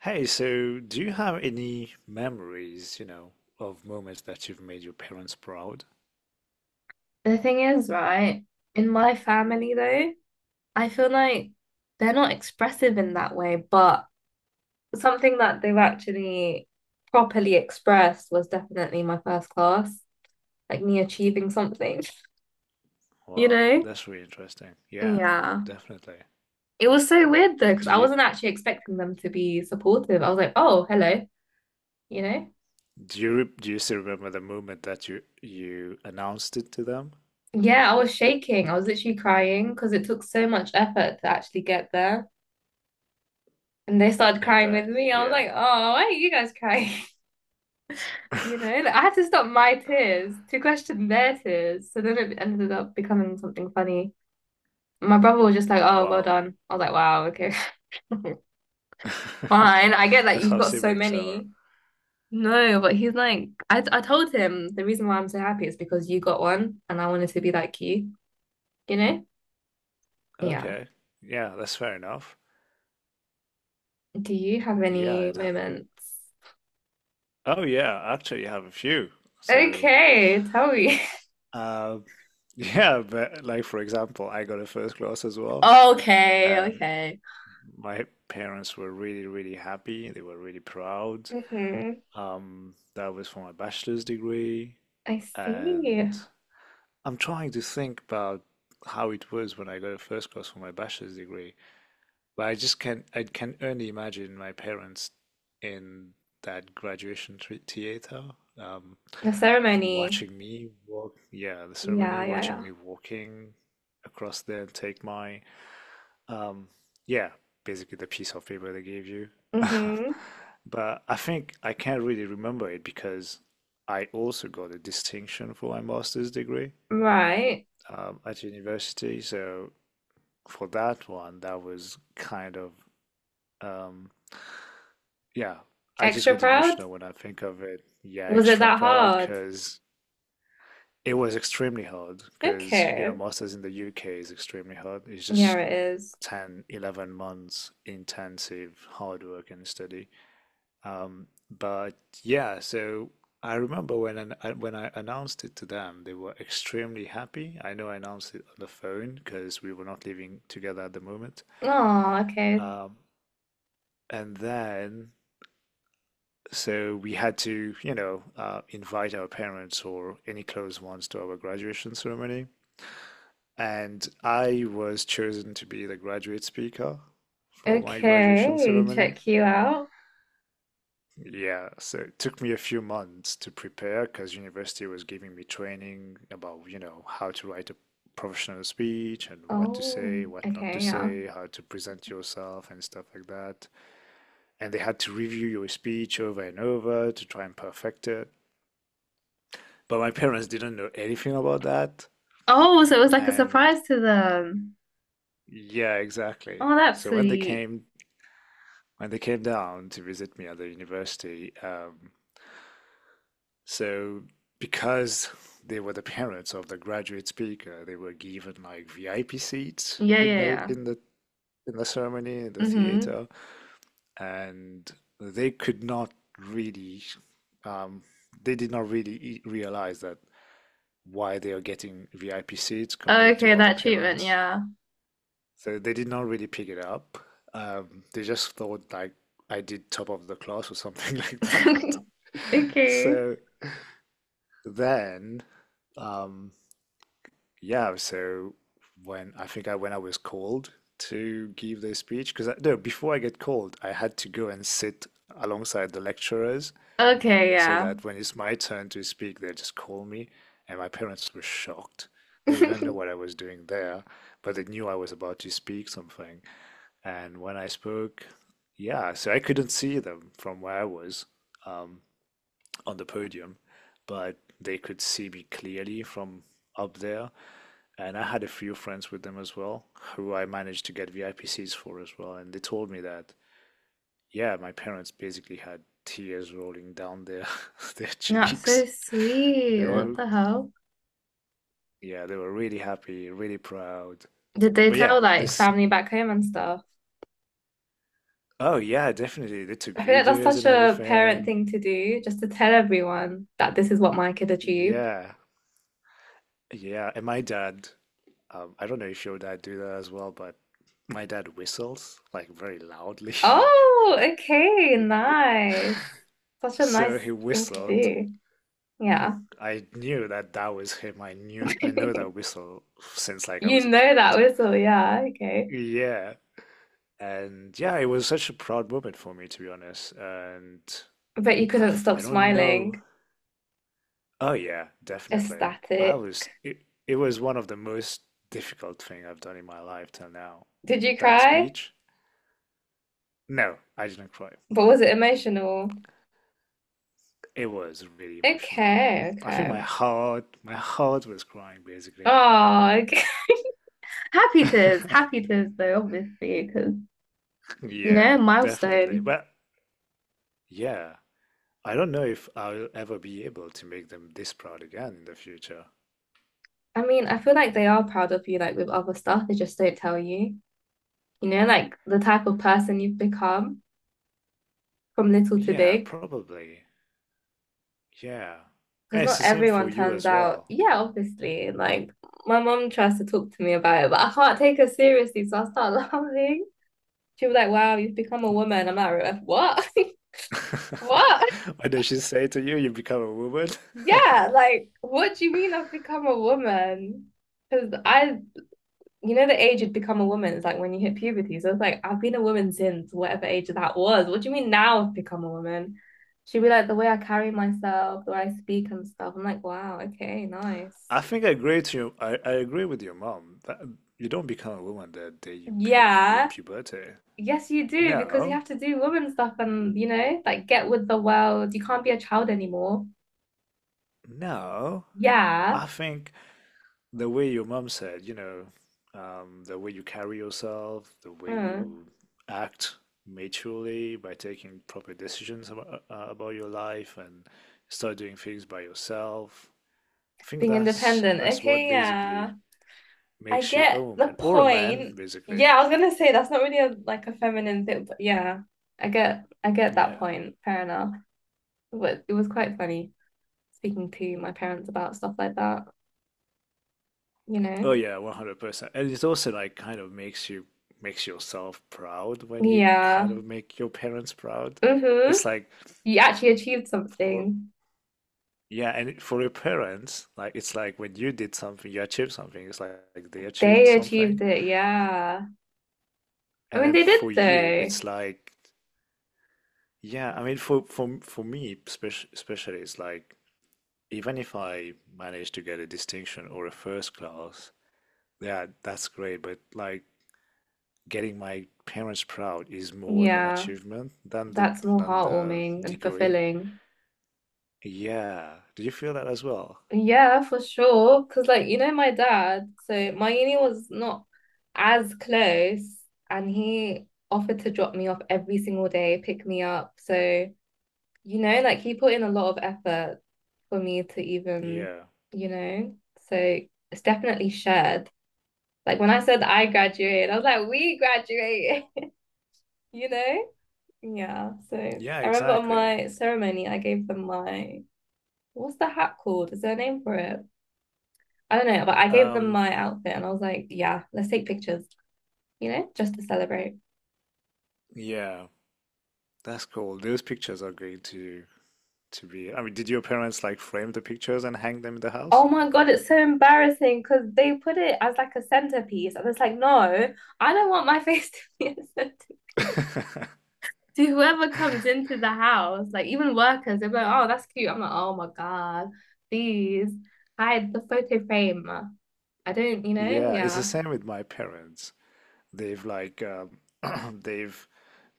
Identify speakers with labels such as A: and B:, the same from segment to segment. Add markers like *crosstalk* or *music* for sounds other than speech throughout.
A: Hey, so do you have any memories, you know, of moments that you've made your parents proud?
B: The thing is, right, in my family though, I feel like they're not expressive in that way, but something that they've actually properly expressed was definitely my first class, like me achieving something, *laughs* you
A: Wow,
B: know?
A: that's really interesting. Yeah,
B: Yeah.
A: definitely.
B: It was so weird though, because
A: Do
B: I
A: you
B: wasn't actually expecting them to be supportive. I was like, oh, hello, you know?
A: do you still remember the moment that you announced it to them?
B: Yeah, I was shaking. I was literally crying because it took so much effort to actually get there. And they started
A: I
B: crying with
A: bet.
B: me. I was
A: Yeah.
B: like, oh, why are you guys crying? You know, like, I had to stop my tears to question their tears. So then it ended up becoming something funny. My brother was just like, oh, well
A: Wow.
B: done. I was like, wow, okay. *laughs*
A: *laughs*
B: Fine. I get that
A: That's
B: you've
A: how
B: got so
A: siblings are.
B: many. No, but he's like, I told him the reason why I'm so happy is because you got one and I wanted to be like you know? Yeah.
A: Okay. Yeah, that's fair enough.
B: Do you have
A: Yeah.
B: any moments?
A: Oh, yeah. Actually, I have a few. So,
B: Okay, tell me. *laughs*
A: um, *laughs* yeah, but like for example, I got a first class as well.
B: Okay,
A: And
B: okay.
A: my parents were really happy. They were really proud.
B: Hmm.
A: That was for my bachelor's degree.
B: I see.
A: And I'm trying to think about how it was when I got a first class for my bachelor's degree. But I just can I can only imagine my parents in that graduation theater, um,
B: The ceremony.
A: watching me walk yeah, the ceremony,
B: Yeah, yeah,
A: watching
B: yeah.
A: me walking across there and take my Um, yeah, basically the piece of paper they gave you. *laughs*
B: Mm-hmm.
A: But I think I can't really remember it because I also got a distinction for my master's degree,
B: Right.
A: at university. So for that one, that was um, yeah, I just
B: Extra
A: get
B: proud?
A: emotional when I think of it. Yeah,
B: Was it
A: extra
B: that
A: proud
B: hard?
A: because it was extremely hard because, you know,
B: Okay.
A: master's in the UK is extremely hard. It's just
B: Yeah, it is.
A: 10, 11 months intensive hard work and study. Um, but yeah, so I, when I announced it to them, they were extremely happy. I know I announced it on the phone because we were not living together at the moment.
B: Oh, okay.
A: Um, and then, so we had to, you know, invite our parents or any close ones to our graduation ceremony. And I was chosen to be the graduate speaker for my graduation
B: Okay.
A: ceremony.
B: Check you out.
A: Yeah, so it took me a few months to prepare because university was giving me training about, you know, how to write a professional speech and what to
B: Oh,
A: say, what not to
B: okay, yeah.
A: say, how to present yourself and stuff like that. And they had to review your speech over and over to try and perfect it. But my parents didn't know anything about that.
B: Oh, so it was like a
A: And
B: surprise to them.
A: yeah, exactly.
B: Oh, that's
A: So
B: sweet.
A: when they came down to visit me at the university. Um, So because they were the parents of the graduate speaker, they were given like VIP seats
B: Yeah,
A: in
B: yeah,
A: the
B: yeah.
A: in the in the ceremony in the
B: Mm-hmm.
A: theater, and they could not really um, they did not really e- realize that why they are getting VIP seats compared
B: Okay,
A: to other
B: that treatment,
A: parents.
B: yeah.
A: So they did not really pick it up. They just thought like I did top of the class or something like that. *laughs*
B: *laughs* Okay.
A: So then um, Yeah, so when I was called to give the speech, because I, no, before I get called, I had to go and sit alongside the lecturers
B: Okay,
A: so
B: yeah.
A: that when it's my turn to speak, they just call me. And my parents were shocked. They didn't know what
B: *laughs*
A: I was doing there, but they knew I was about to speak something. And when I spoke, yeah, so I couldn't see them from where I was, um, on the podium, but they could see me clearly from up there. And I had a few friends with them as well, who I managed to get VIP seats for as well, and they told me that yeah, my parents basically had tears rolling down their *laughs* their
B: That's so
A: cheeks. *laughs*
B: sweet.
A: They
B: What the hell?
A: Yeah, they were really happy, really proud.
B: Did they
A: But
B: tell
A: yeah,
B: like
A: this
B: family back home and stuff?
A: Oh yeah, definitely they took
B: I feel like that's
A: videos
B: such
A: and
B: a parent
A: everything.
B: thing to do, just to tell everyone that this is what my kid achieved.
A: Yeah, yeah, and my dad, I don't know if your dad do that as well, but my dad whistles like very loudly. *laughs*
B: Oh, okay, nice. Such a
A: So
B: nice
A: he
B: thing to
A: whistled
B: do. Yeah.
A: I knew that that was him. I know that
B: *laughs*
A: whistle since like I
B: You
A: was a
B: know that
A: kid.
B: whistle, yeah, okay.
A: Yeah, and yeah, it was such a proud moment for me, to be honest. And
B: But you couldn't stop
A: I don't know.
B: smiling.
A: Oh yeah, definitely.
B: Ecstatic.
A: It was one of the most difficult thing I've done in my life till now.
B: Did you
A: That
B: cry?
A: speech? No, I didn't cry.
B: But was it emotional?
A: It was really emotional, yeah.
B: Okay,
A: I think
B: okay.
A: my heart was crying basically.
B: Oh, okay. *laughs* Happy
A: *laughs*
B: tears though, obviously, because you know,
A: Yeah, definitely.
B: milestone.
A: But yeah, I don't know if I'll ever be able to make them this proud again in the future.
B: I mean, I feel like they are proud of you, like with other stuff, they just don't tell you. You know, like the type of person you've become from little to
A: Yeah,
B: big.
A: probably. Yeah.
B: Because
A: Yeah, it's
B: not
A: the same
B: everyone
A: for you
B: turns
A: as
B: out,
A: well.
B: yeah, obviously. Like my mom tries to talk to me about it, but I can't take her seriously, so I start *laughs* laughing. She was like, "Wow, you've become a woman." I'm like, "What? *laughs*
A: *laughs*
B: What?
A: What does she say to you? You become a woman?
B: Yeah, like what do you mean I've become a woman?" Because I, you know, the age you'd become a woman is like when you hit puberty. So it's like I've been a woman since whatever age that was. What do you mean now I've become a woman? She'd be like the way I carry myself, the way I speak and stuff. I'm like, wow, okay, nice.
A: *laughs* I think I agree to you. I agree with your mom. That you don't become a woman the day you hit pu
B: Yeah.
A: puberty.
B: Yes, you do, because you
A: No,
B: have to do woman stuff and you know, like get with the world. You can't be a child anymore.
A: no.
B: Yeah.
A: I think the way your mom said, you know, the way you carry yourself, the way
B: Mm.
A: you act maturely by taking proper decisions about your life and start doing things by yourself. I think
B: Being
A: that's
B: independent.
A: what
B: Okay,
A: basically
B: yeah. I
A: makes you a
B: get the
A: woman or a man,
B: point.
A: basically.
B: Yeah, I was gonna say that's not really a like a feminine thing, but yeah, I get that
A: Yeah.
B: point. Fair enough. But it was quite funny speaking to my parents about stuff like that, you know?
A: Oh yeah, 100%. And it also like kind of makes you makes yourself proud when you
B: Yeah.
A: kind of make your parents proud.
B: Mm-hmm.
A: It's like
B: You actually achieved
A: for
B: something.
A: Yeah, for your parents, like it's like when you did something, you achieved something. It's like they achieved
B: They achieved
A: something,
B: it, yeah. I
A: and
B: mean
A: then
B: they did
A: for you,
B: though.
A: it's like, yeah. I mean, for me, especially, it's like even if I manage to get a distinction or a first class, yeah, that's great. But like getting my parents proud is more of an
B: Yeah.
A: achievement than the
B: That's more
A: than the
B: heartwarming and
A: degree.
B: fulfilling.
A: Yeah. Do you feel that as well?
B: Yeah, for sure. Because, like, you know, my dad, so my uni was not as close, and he offered to drop me off every single day, pick me up. So, you know, like, he put in a lot of effort for me to even,
A: Yeah.
B: you know, so it's definitely shared. Like, when I said I graduated, I was like, we graduated, *laughs* you know? Yeah. So,
A: Yeah,
B: I remember on
A: exactly.
B: my ceremony, I gave them my, what's the hat called? Is there a name for it? I don't know, but I gave them
A: Um,
B: my outfit and I was like, yeah, let's take pictures, you know, just to celebrate.
A: yeah. That's cool. Those pictures are going to be. I mean, did your parents like frame the pictures and hang them in the house?
B: Oh my God, it's so embarrassing because they put it as like a centerpiece. I was like, no, I don't want my *laughs* face to be a centerpiece.
A: *laughs*
B: To whoever comes into the house, like even workers, they're like, oh, that's cute. I'm like, oh my God, please hide the photo frame. I don't, you know,
A: Yeah, it's the
B: yeah.
A: same with my parents. They've like *clears throat* they've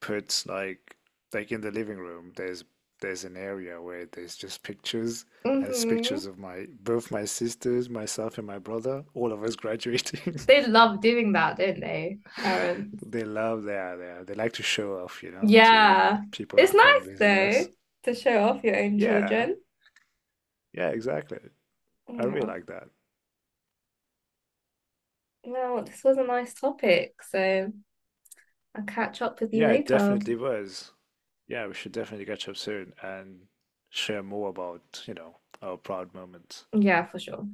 A: put like in the living room. There's an area where there's just pictures. And it's pictures
B: Hmm.
A: of my both my sisters, myself, and my brother. All of us graduating.
B: They
A: *laughs*
B: love doing that, don't they, parents?
A: They love that. They like to show off, you know, to
B: Yeah.
A: people who
B: It's
A: come
B: nice
A: visit
B: though
A: us.
B: to show off your own
A: Yeah,
B: children.
A: yeah, exactly. I really
B: Yeah.
A: like that.
B: Well, this was a nice topic, so I'll catch up with you
A: Yeah, it
B: later.
A: definitely was. Yeah, we should definitely catch up soon and share more about, you know, our proud moments.
B: Yeah, for sure.